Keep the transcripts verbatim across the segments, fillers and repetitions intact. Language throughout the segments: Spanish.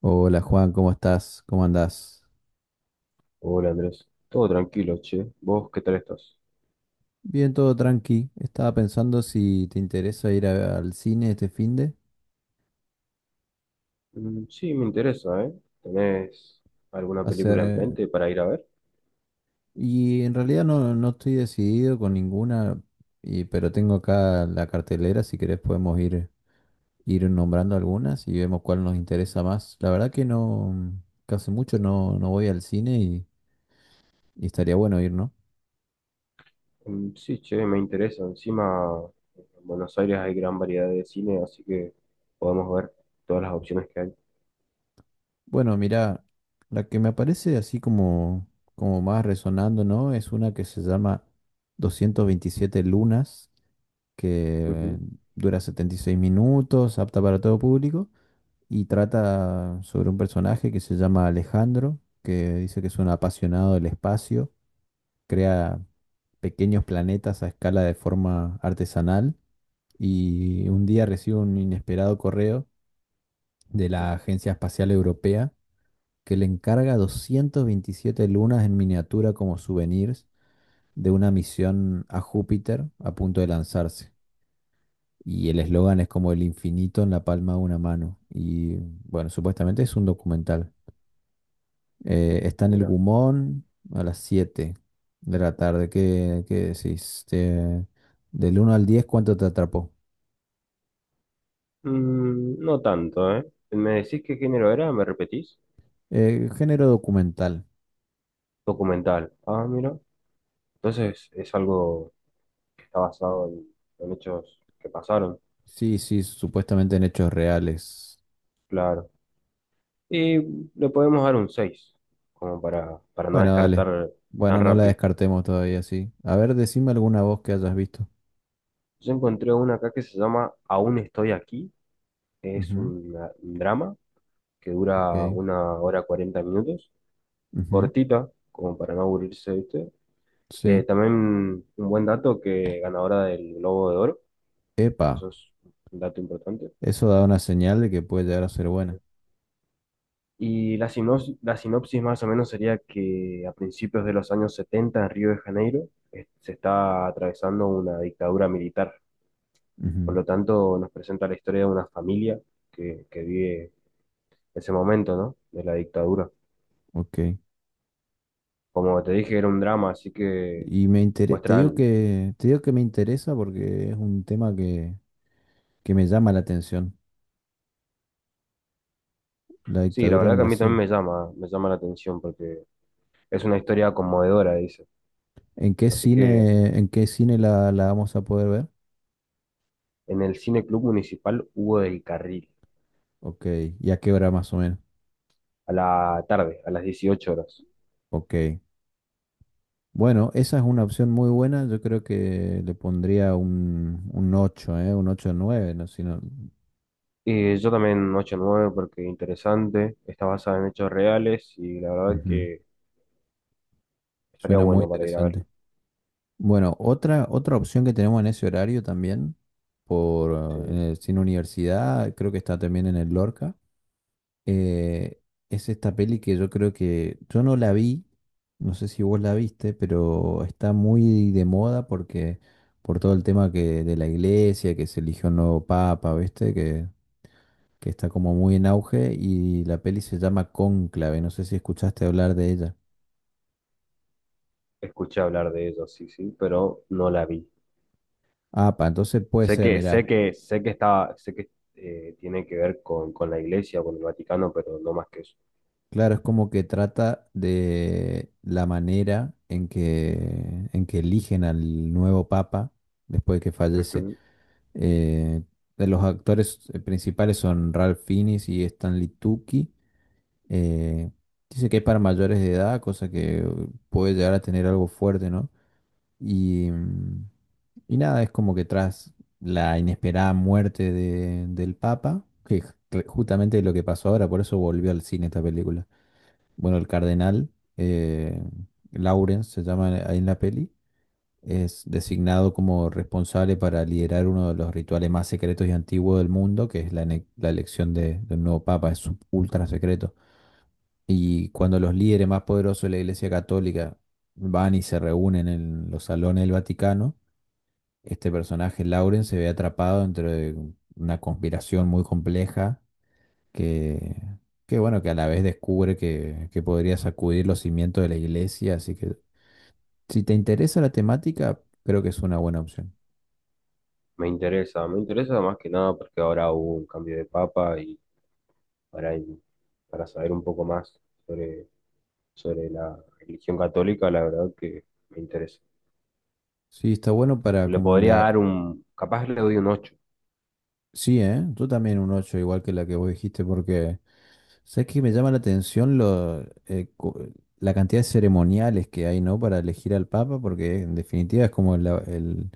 Hola Juan, ¿cómo estás? ¿Cómo andás? Hola Andrés, todo tranquilo, che. ¿Vos qué tal estás? Bien, todo tranqui. Estaba pensando si te interesa ir a- al cine este finde. Mm, sí, me interesa, ¿eh? ¿Tenés alguna Hacer, película en eh, mente para ir a ver? y en realidad no, no estoy decidido con ninguna, y- pero tengo acá la cartelera, si querés podemos ir, ir nombrando algunas y vemos cuál nos interesa más. La verdad que no, que hace mucho no, no voy al cine y, y estaría bueno ir, ¿no? Mm, sí, che, me interesa. Encima, en Buenos Aires hay gran variedad de cine, así que podemos ver todas las opciones que hay. Bueno, mira, la que me aparece así como, como más resonando, ¿no? Es una que se llama doscientas veintisiete lunas, que Ujú, dura setenta y seis minutos, apta para todo público, y trata sobre un personaje que se llama Alejandro, que dice que es un apasionado del espacio, crea pequeños planetas a escala de forma artesanal, y un día recibe un inesperado correo de ujú. la Agencia Espacial Europea que le encarga doscientas veintisiete lunas en miniatura como souvenirs de una misión a Júpiter a punto de lanzarse. Y el eslogan es como el infinito en la palma de una mano. Y bueno, supuestamente es un documental. Eh, está en el Mira. Gumón a las siete de la tarde. ¿Qué, qué decís? Te- del uno al diez, ¿cuánto te atrapó? Mm, no tanto, ¿eh? ¿Me decís qué género era? ¿Me repetís? Eh, género documental. Documental. Ah, mira. Entonces es algo que está basado en, en hechos que pasaron. Sí, sí, supuestamente en hechos reales. Claro. Y le podemos dar un seis como para, para no Bueno, dale. descartar tan Bueno, no la rápido. descartemos todavía, sí. A ver, decime alguna voz que hayas visto. Yo encontré una acá que se llama Aún estoy aquí. Es Ujú, una- un drama que dura ok. una hora cuarenta minutos, Ujú, cortita, como para no aburrirse, ¿viste? Eh, sí. también un buen dato que ganadora del Globo de Oro, Epa, eso es un dato importante. eso da una señal de que puede llegar a ser buena. Y la sinopsis, la sinopsis más o menos sería que a principios de los años setenta en Río de Janeiro eh, se está atravesando una dictadura militar. Por Ujú, lo tanto, nos presenta la historia de una familia que, que vive ese momento, ¿no? De la dictadura. ok. Como te dije, era un drama, así que Y me intere- te muestra... digo el- que, te digo que me interesa porque es un tema que, que me llama la atención, la Sí, la dictadura en verdad que a mí también Brasil. me llama, me llama la atención porque es una historia conmovedora, dice. ¿En qué Así que cine, en qué cine la, la vamos a poder ver? en el Cine Club Municipal Hugo del Carril, Ok, ¿y a qué hora más o menos? a la tarde, a las dieciocho horas. Ok. Bueno, esa es una opción muy buena. Yo creo que le pondría un, un ocho, ¿eh? Un ocho nueve, ¿no? Si no- Y yo también ocho nueve porque interesante, está basada en hechos reales y la verdad Ujú. que estaría Suena muy bueno para ir a verlo. interesante. Bueno, otra, otra opción que tenemos en ese horario también, por, eh, en Sí. el Cine Universidad, creo que está también en el Lorca, eh, es esta peli que yo creo que yo no la vi, no sé si vos la viste, pero está muy de moda porque por todo el tema que, de la iglesia, que se eligió un nuevo papa, ¿viste? Que que está como muy en auge y la peli se llama Cónclave, no sé si escuchaste hablar de ella. Escuché hablar de ellos, sí, sí, pero no la vi. Ah, pa, entonces puede Sé ser, que, sé mirá. que, sé que está, sé que eh, tiene que ver con, con la iglesia, o con el Vaticano, pero no más que eso. Claro, es como que trata de la manera en que, en que eligen al nuevo papa después de que fallece. Ujú. Eh, de los actores eh, principales son Ralph Fiennes y Stanley Tucci. Eh, Dice que es para mayores de edad, cosa que eh, puede llegar a tener algo fuerte, ¿no? Y mm, Y nada, es como que tras la inesperada muerte de- del Papa, que es re- justamente lo que pasó ahora, por eso volvió al cine esta película. Bueno, el cardenal, eh, Lawrence se llama, eh, ahí en la peli, es designado como responsable para liderar uno de los rituales más secretos y antiguos del mundo, que es la, ene- la elección de, de un nuevo Papa, es un ultra secreto. Y cuando los líderes más poderosos de la Iglesia Católica van y se reúnen en los salones del Vaticano, este personaje, Lauren, se ve atrapado dentro de una conspiración muy compleja que, que bueno, que a la vez descubre que, que podría sacudir los cimientos de la iglesia. Así que si te interesa la temática, creo que es una buena opción. Me interesa, me interesa más que nada porque ahora hubo un cambio de papa y para, para saber un poco más sobre, sobre la religión católica, la verdad que me interesa. Sí, está bueno para Le como podría indagar. dar un, capaz le doy un ocho. Sí, ¿eh? Tú también un ocho igual que la que vos dijiste, porque sabes que me llama la atención lo, eh, cu- la cantidad de ceremoniales que hay, ¿no? Para elegir al Papa, porque en definitiva es como el,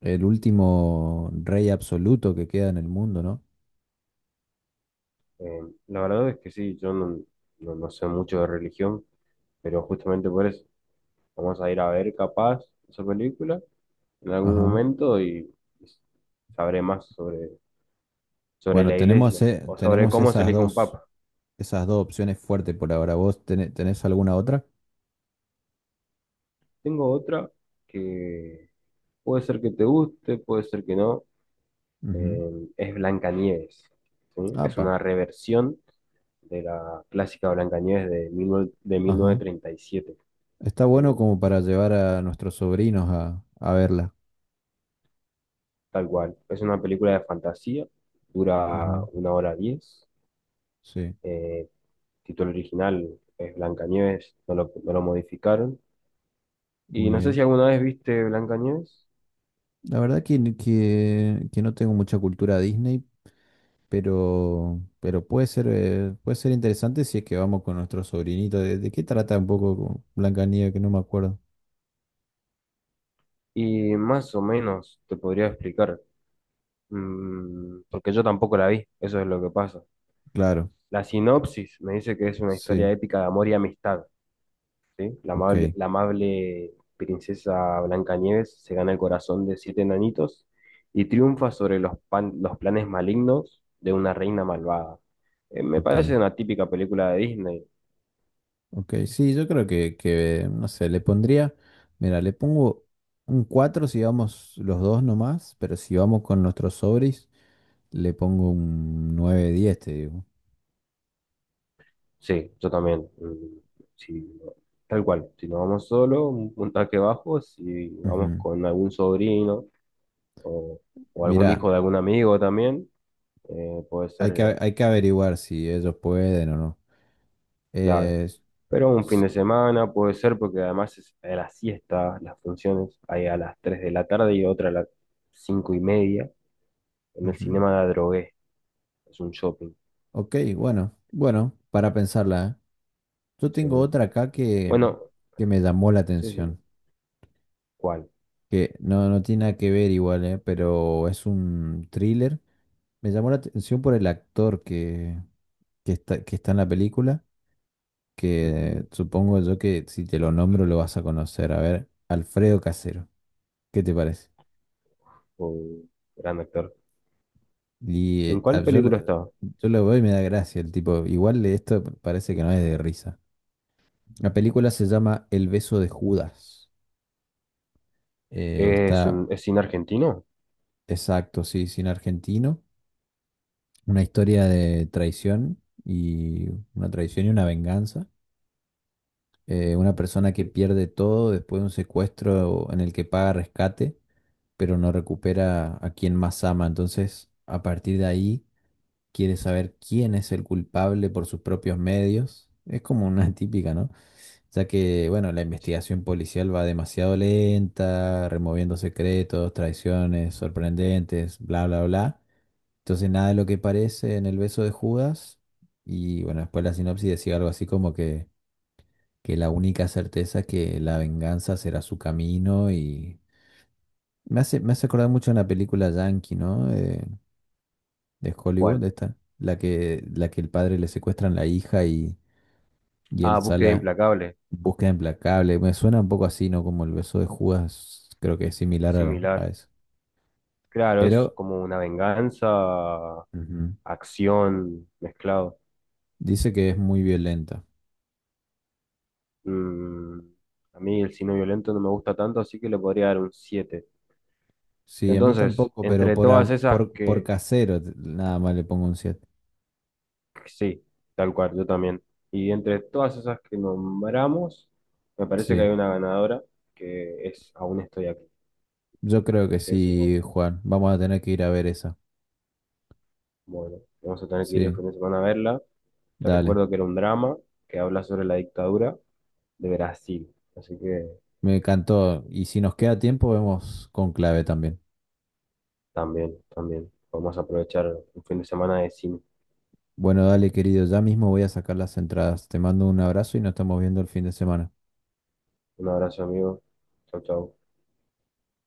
El último rey absoluto que queda en el mundo, ¿no? Eh, la verdad es que sí, yo no, no, no sé mucho de religión, pero justamente por eso. Vamos a ir a ver capaz esa película en algún Ajá. momento y sabré más sobre, sobre Bueno, la iglesia tenemos, eh, o sobre tenemos cómo se esas elige un dos, papa. esas dos opciones fuertes por ahora. ¿Vos tené- tenés alguna otra? Tengo otra que puede ser que te guste, puede ser que no. Ujú. Eh, es Blancanieves, ¿sí? Es Apa. una reversión de la clásica Blancanieves de, diecinueve de Ajá. mil novecientos treinta y siete, Está ¿sí? bueno como para llevar a nuestros sobrinos a, a verla. Tal cual. Es una película de fantasía, dura Ujú. una hora diez. Sí, Eh, título original es Blancanieves, no lo, no lo modificaron. Y muy no sé si bien. alguna vez viste Blancanieves La verdad que, n- que, que no tengo mucha cultura Disney, pero, pero puede ser, eh, puede ser interesante si es que vamos con nuestro sobrinito. ¿De, de qué trata un poco Blancanieves? Que no me acuerdo. y más o menos te podría explicar, mm, porque yo tampoco la vi, eso es lo que pasa. Claro. La sinopsis me dice que es una historia Sí, épica de amor y amistad, ¿sí? La amable, ok, la amable princesa Blancanieves se gana el corazón de siete enanitos y triunfa sobre los, pan- los planes malignos de una reina malvada. Eh, me ok, parece una típica película de Disney. ok. Sí, yo creo que, que, no sé, le pondría, mira, le pongo un cuatro si vamos los dos nomás, pero si vamos con nuestros sobris, le pongo un nueve diez, te digo. Sí, yo también. Mm, sí, no, tal cual. Si no vamos solo, un puntaje bajo. Si vamos Ujú. con algún sobrino o, o algún hijo Mira, de algún amigo también, eh, puede hay que, ser, hay que averiguar si ellos pueden o no. claro. Eh, Pero un fin s- de semana puede ser porque además es a la siesta, las funciones hay a las tres de la tarde y otra a las cinco y media en el Ujú. Cinema de la Drogué. Es un shopping. Ok, bueno, bueno, para pensarla, ¿eh? Yo tengo Sí. otra acá que, Bueno, que me llamó la sí, sí. atención, ¿Cuál? que no, no tiene nada que ver igual, ¿eh? Pero es un thriller. Me llamó la atención por el actor que, que está, que está en la película, que Ujú. supongo yo que si te lo nombro lo vas a conocer. A ver, Alfredo Casero, ¿qué te parece? Oh, gran actor. Y ¿En eh, a- cuál yo, película lo- está? yo lo veo y me da gracia el tipo. Igual esto parece que no es de risa. La película se llama El beso de Judas. Eh, Es está un es cine argentino. Exacto, sí, cine argentino. Una historia de traición y una traición y una venganza. Eh, una persona que Ujú. pierde todo después de un secuestro en el que paga rescate, pero no recupera a quien más ama. Entonces, a partir de ahí, quiere saber quién es el culpable por sus propios medios. Es como una típica, ¿no? Ya que, bueno, la investigación policial va demasiado lenta, removiendo secretos, traiciones sorprendentes, bla, bla, bla. Entonces nada de lo que parece en el beso de Judas. Y bueno, después la sinopsis decía algo así como que, que la única certeza es que la venganza será su camino y me hace, me hace acordar mucho a una película yankee, ¿no? De, de Hollywood, ¿Cuál? esta, la que, la que el padre le secuestran la hija y, y él Ah, sale Búsqueda a Implacable, búsqueda implacable. Me suena un poco así, ¿no? Como el beso de Judas, creo que es similar a, a similar. eso. Claro, es Pero como una venganza, ujú, acción, mezclado. dice que es muy violenta. Mm, a mí el cine violento no me gusta tanto, así que le podría dar un siete. Sí, a mí Entonces, tampoco, pero entre por, todas a- esas por, por que, casero t- nada más le pongo un siete. que sí, tal cual, yo también. Y entre todas esas que, nombramos, me parece que hay Sí, una ganadora que es Aún estoy aquí. yo creo que ¿Qué decís sí, vos? Juan. Vamos a tener que ir a ver esa. Bueno, vamos a tener que ir el Sí, fin de semana a verla. Te dale. recuerdo que era un drama que habla sobre la dictadura de Brasil. Así que Me encantó. Y si nos queda tiempo, vemos con clave también. también, también. Vamos a aprovechar un fin de semana de cine. Bueno, dale, querido. Ya mismo voy a sacar las entradas. Te mando un abrazo y nos estamos viendo el fin de semana. Un abrazo, amigo. Chau, chau.